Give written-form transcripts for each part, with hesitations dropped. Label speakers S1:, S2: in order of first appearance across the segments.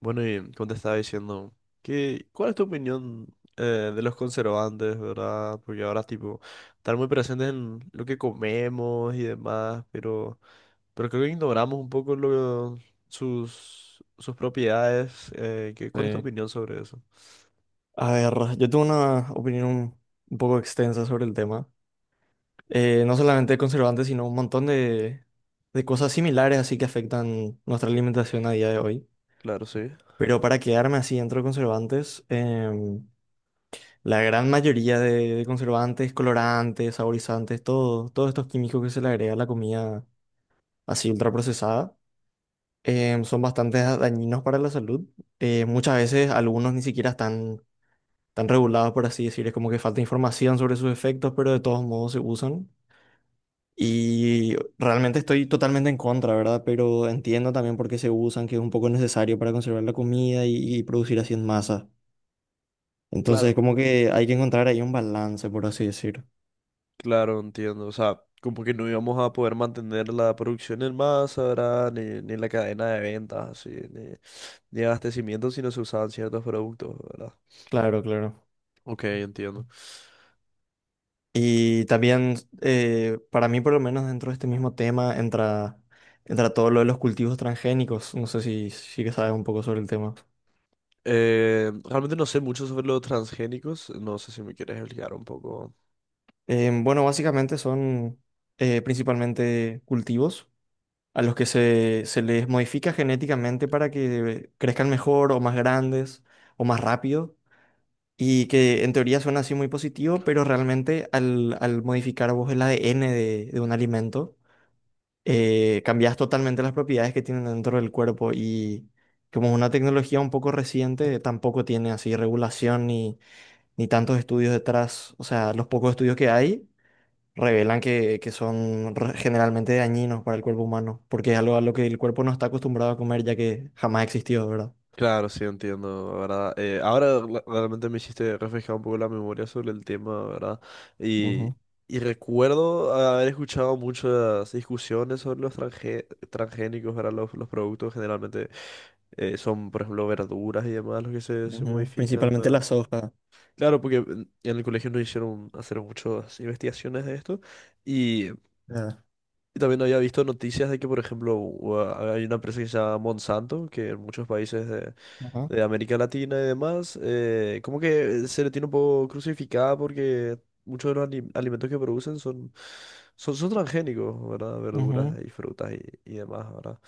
S1: Bueno, y como te estaba diciendo, ¿Cuál es tu opinión de los conservantes, verdad? Porque ahora, tipo, están muy presentes en lo que comemos y demás, pero creo que ignoramos un poco sus propiedades. ¿Cuál es tu
S2: Sí.
S1: opinión sobre eso?
S2: A ver, yo tengo una opinión un poco extensa sobre el tema. No solamente conservantes, sino un montón de cosas similares así que afectan nuestra alimentación a día de hoy.
S1: Claro, sí.
S2: Pero para quedarme así dentro de conservantes, la gran mayoría de conservantes, colorantes, saborizantes, todos estos químicos que se le agrega a la comida así ultraprocesada, son bastante dañinos para la salud. Muchas veces algunos ni siquiera están tan reguladas, por así decir. Es como que falta información sobre sus efectos, pero de todos modos se usan. Y realmente estoy totalmente en contra, ¿verdad? Pero entiendo también por qué se usan, que es un poco necesario para conservar la comida y producir así en masa.
S1: Claro.
S2: Entonces, como que hay que encontrar ahí un balance, por así decir.
S1: Claro, entiendo. O sea, como que no íbamos a poder mantener la producción en masa, ¿verdad? Ni la cadena de ventas, así, ni abastecimiento si no se usaban ciertos productos, ¿verdad?
S2: Claro, claro.
S1: Ok, entiendo.
S2: Y también, para mí por lo menos dentro de este mismo tema entra todo lo de los cultivos transgénicos. No sé si que sabes un poco sobre el tema.
S1: Realmente no sé mucho sobre los transgénicos. No sé si me quieres explicar un poco.
S2: Bueno, básicamente son principalmente cultivos a los que se les modifica genéticamente para que crezcan mejor o más grandes o más rápido y que en teoría suena así muy positivo, pero realmente al modificar vos el ADN de un alimento, cambias totalmente las propiedades que tienen dentro del cuerpo y como es una tecnología un poco reciente, tampoco tiene así regulación ni, ni tantos estudios detrás, o sea, los pocos estudios que hay revelan que son generalmente dañinos para el cuerpo humano, porque es algo a lo que el cuerpo no está acostumbrado a comer ya que jamás existió, ¿verdad?
S1: Claro, sí, entiendo, ¿verdad? Realmente me hiciste refrescar un poco la memoria sobre el tema, ¿verdad? Y,
S2: Ujú.
S1: y recuerdo haber escuchado muchas discusiones sobre los transgénicos, ¿verdad? Los productos generalmente son, por ejemplo, verduras y demás los que se
S2: Ujú.
S1: modifican,
S2: Principalmente
S1: ¿verdad?
S2: la soja.
S1: Claro, porque en el colegio nos hicieron hacer muchas investigaciones de esto.
S2: ¿Verdad?
S1: Y también había visto noticias de que, por ejemplo, hay una empresa que se llama Monsanto, que en muchos países de,
S2: Ajá.
S1: de América Latina y demás, como que se le tiene un poco crucificada porque muchos de los alimentos que producen son transgénicos, ¿verdad? Verduras
S2: Ujú.
S1: y frutas y demás, ¿verdad?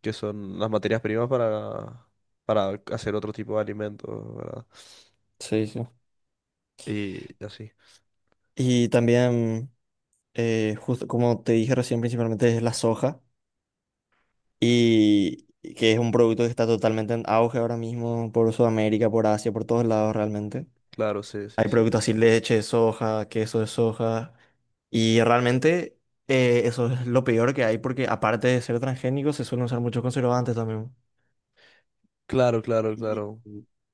S1: Que son las materias primas para hacer otro tipo de alimentos, ¿verdad?
S2: Sí, sí.
S1: Y así.
S2: Y también, justo como te dije recién, principalmente es la soja, y que es un producto que está totalmente en auge ahora mismo por Sudamérica, por Asia, por todos lados realmente.
S1: Claro, sí, sí,
S2: Hay
S1: sí.
S2: productos así, leche de soja, queso de soja. Y realmente eso es lo peor que hay porque aparte de ser transgénico se suelen usar muchos conservantes también.
S1: Claro, claro,
S2: Y,
S1: claro.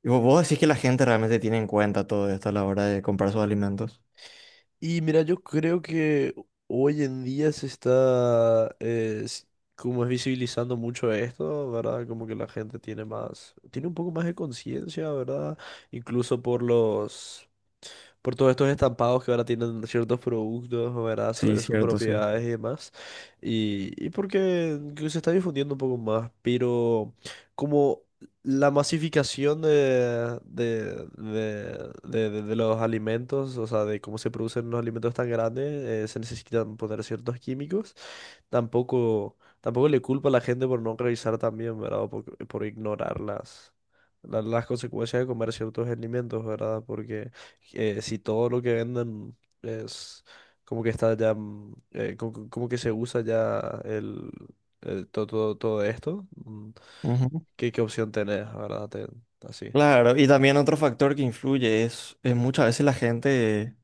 S2: y vos decís que la gente realmente tiene en cuenta todo esto a la hora de comprar sus alimentos.
S1: Y mira, yo creo que hoy en día se está, como es visibilizando mucho esto, ¿verdad? Como que la gente tiene un poco más de conciencia, ¿verdad? Incluso por todos estos estampados que ahora tienen ciertos productos, ¿verdad?
S2: Sí,
S1: Sobre sus
S2: cierto, sí.
S1: propiedades y demás. Y porque que se está difundiendo un poco más, pero como la masificación de los alimentos, o sea, de cómo se producen los alimentos tan grandes, se necesitan poner ciertos químicos. Tampoco le culpo a la gente por no revisar también, ¿verdad? O por ignorar las consecuencias de comer ciertos alimentos, ¿verdad? Porque si todo lo que venden es como que está ya, que se usa ya el, todo esto,
S2: Ujú.
S1: ¿Qué opción tenés, ¿verdad? Así.
S2: Claro, y también otro factor que influye es muchas veces la gente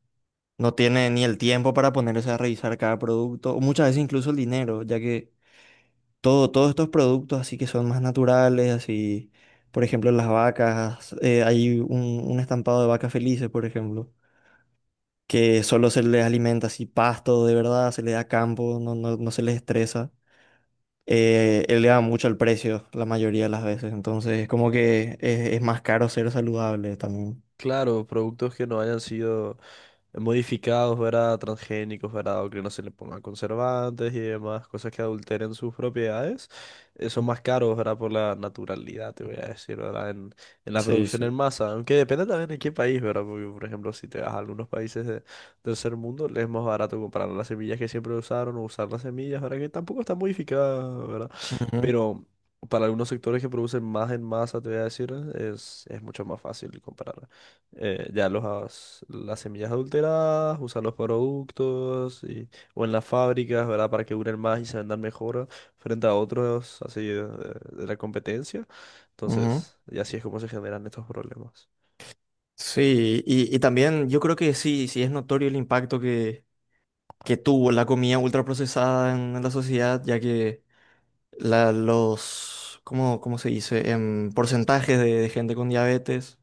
S2: no tiene ni el tiempo para ponerse a revisar cada producto, o muchas veces incluso el dinero, ya que todos estos productos así que son más naturales, así, por ejemplo, las vacas, hay un estampado de vacas felices, por ejemplo, que solo se les alimenta así pasto de verdad, se les da campo, no, no, no se les estresa. Eleva mucho el precio la mayoría de las veces, entonces es como que es más caro ser saludable también.
S1: Claro, productos que no hayan sido modificados, ¿verdad? Transgénicos, ¿verdad? O que no se le pongan conservantes y demás, cosas que adulteren sus propiedades, son más caros, ¿verdad? Por la naturalidad, te voy a decir, ¿verdad? En la
S2: Sí,
S1: producción en
S2: sí.
S1: masa, aunque depende también de qué país, ¿verdad? Porque, por ejemplo, si te vas a algunos países de tercer mundo, les es más barato comprar las semillas que siempre usaron o usar las semillas, ¿verdad? Que tampoco están modificadas, ¿verdad?
S2: Ujú,
S1: Pero para algunos sectores que producen más en masa, te voy a decir, es mucho más fácil comparar ya las semillas adulteradas, usar los productos o en las fábricas, ¿verdad? Para que duren más y se vendan mejor frente a otros así de la competencia.
S2: ujú.
S1: Entonces, y así es como se generan estos problemas.
S2: Sí, y también yo creo que sí, sí es notorio el impacto que tuvo la comida ultraprocesada en la sociedad, ya que ¿cómo, cómo se dice? Porcentajes de gente con diabetes,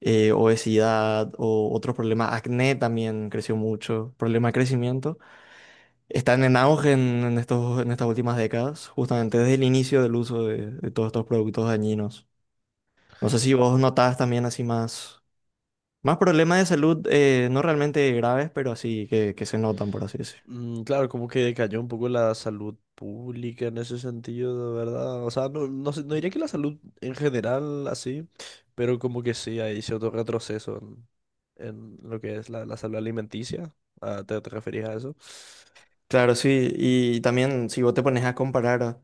S2: obesidad o otros problemas. Acné también creció mucho, problema de crecimiento. Están en auge en estos, en estas últimas décadas, justamente desde el inicio del uso de todos estos productos dañinos. No sé si vos notás también así más problemas de salud, no realmente graves, pero así que se notan, por así decirlo.
S1: Claro, como que decayó un poco la salud pública en ese sentido, de verdad. O sea, no diría que la salud en general así, pero como que sí, hay cierto retroceso en, lo que es la salud alimenticia. Ah, ¿te referías a eso?
S2: Claro, sí, y también si vos te pones a comparar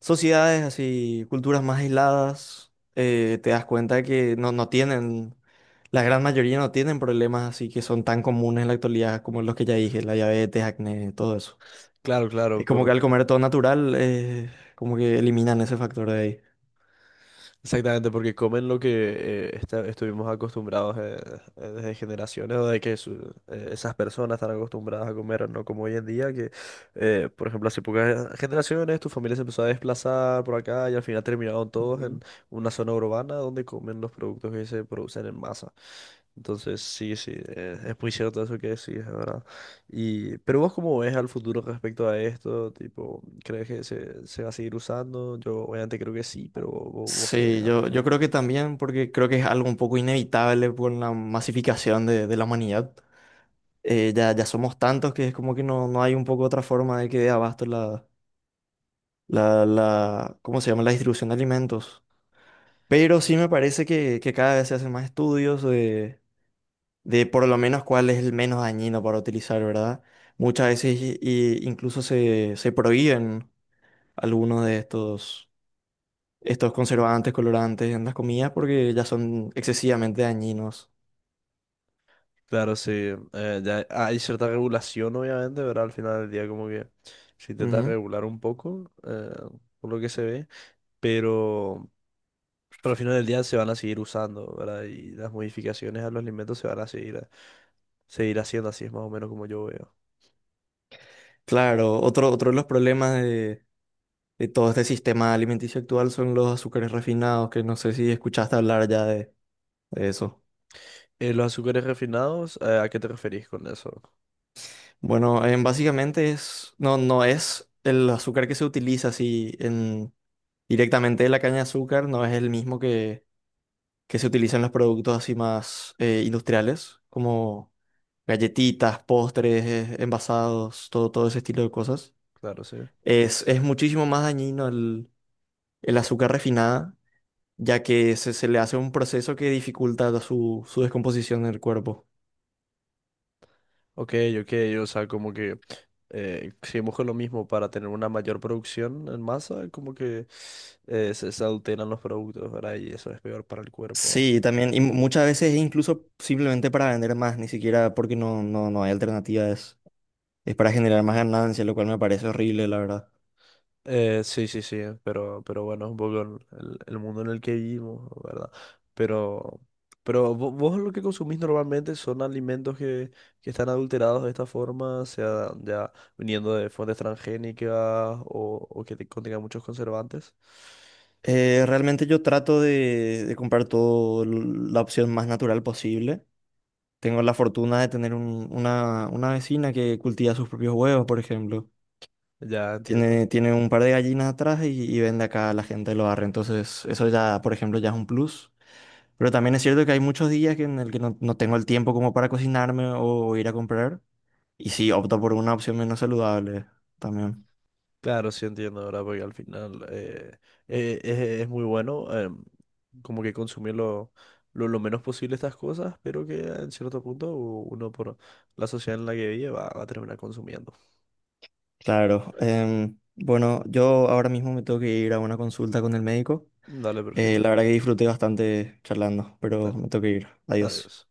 S2: sociedades así, culturas más aisladas, te das cuenta que no, no tienen, la gran mayoría no tienen problemas así que son tan comunes en la actualidad como los que ya dije, la diabetes, acné, todo eso.
S1: Claro, claro,
S2: Es como que al comer todo natural, como que eliminan ese factor de ahí.
S1: exactamente, porque comen lo que estuvimos acostumbrados desde generaciones, o de que esas personas están acostumbradas a comer, no como hoy en día, que, por ejemplo, hace pocas generaciones tu familia se empezó a desplazar por acá y al final terminaron todos en
S2: Ujú.
S1: una zona urbana donde comen los productos que se producen en masa. Entonces, sí, sí, es muy cierto eso que decís, es ¿verdad? Pero vos cómo ves al futuro respecto a esto, tipo, ¿crees que se va a seguir usando? Yo obviamente creo que sí, pero vos qué ves
S2: Sí,
S1: al
S2: yo
S1: respecto.
S2: creo que también, porque creo que es algo un poco inevitable por la masificación de la humanidad. Ya ya somos tantos que es como que no, no hay un poco otra forma de que dé abasto la, ¿cómo se llama? La distribución de alimentos. Pero sí me parece que cada vez se hacen más estudios de por lo menos cuál es el menos dañino para utilizar, ¿verdad? Muchas veces incluso se prohíben algunos de estos conservantes, colorantes en las comidas porque ya son excesivamente dañinos.
S1: Claro, sí, ya hay cierta regulación obviamente, pero al final del día como que se intenta
S2: Ujú.
S1: regular un poco, por lo que se ve, pero, pero al final del día se van a seguir usando, ¿verdad? Y las modificaciones a los alimentos se van a seguir, seguir haciendo, así es más o menos como yo veo.
S2: Claro, otro de los problemas de todo este sistema alimenticio actual son los azúcares refinados, que no sé si escuchaste hablar ya de eso.
S1: Los azúcares refinados, ¿a qué te referís con eso?
S2: Bueno, básicamente es, no, no es el azúcar que se utiliza así en, directamente de la caña de azúcar, no es el mismo que se utiliza en los productos así más industriales, como galletitas, postres, envasados, todo ese estilo de cosas.
S1: Claro, sí.
S2: Es muchísimo más dañino el azúcar refinada ya que se le hace un proceso que dificulta su descomposición en el cuerpo.
S1: Ok, ok, o sea, como que seguimos con lo mismo para tener una mayor producción en masa, como que se adulteran los productos, ¿verdad? Y eso es peor para el cuerpo.
S2: Sí, también, y muchas veces es incluso simplemente para vender más, ni siquiera porque no, no, no hay alternativas, es para generar más ganancias, lo cual me parece horrible, la verdad.
S1: Sí, sí, sí, pero bueno, es un poco el mundo en el que vivimos, ¿verdad? Pero, pero lo que consumís normalmente son alimentos que están adulterados de esta forma, sea ya viniendo de fuentes transgénicas o que contengan muchos conservantes.
S2: Realmente yo trato de comprar todo la opción más natural posible. Tengo la fortuna de tener una vecina que cultiva sus propios huevos, por ejemplo.
S1: Ya entiendo.
S2: Tiene un par de gallinas atrás y vende acá a la gente lo barrio. Entonces, eso ya, por ejemplo, ya es un plus. Pero también es cierto que hay muchos días que en el que no, no tengo el tiempo como para cocinarme o ir a comprar. Y sí, opto por una opción menos saludable también.
S1: Claro, sí entiendo, ¿verdad? Porque al final es muy bueno como que consumir lo menos posible estas cosas, pero que en cierto punto uno por la sociedad en la que vive va a terminar consumiendo.
S2: Claro. Bueno, yo ahora mismo me tengo que ir a una consulta con el médico.
S1: Dale, perfecto.
S2: La verdad que disfruté bastante charlando, pero
S1: Dale,
S2: me tengo que ir. Adiós.
S1: adiós.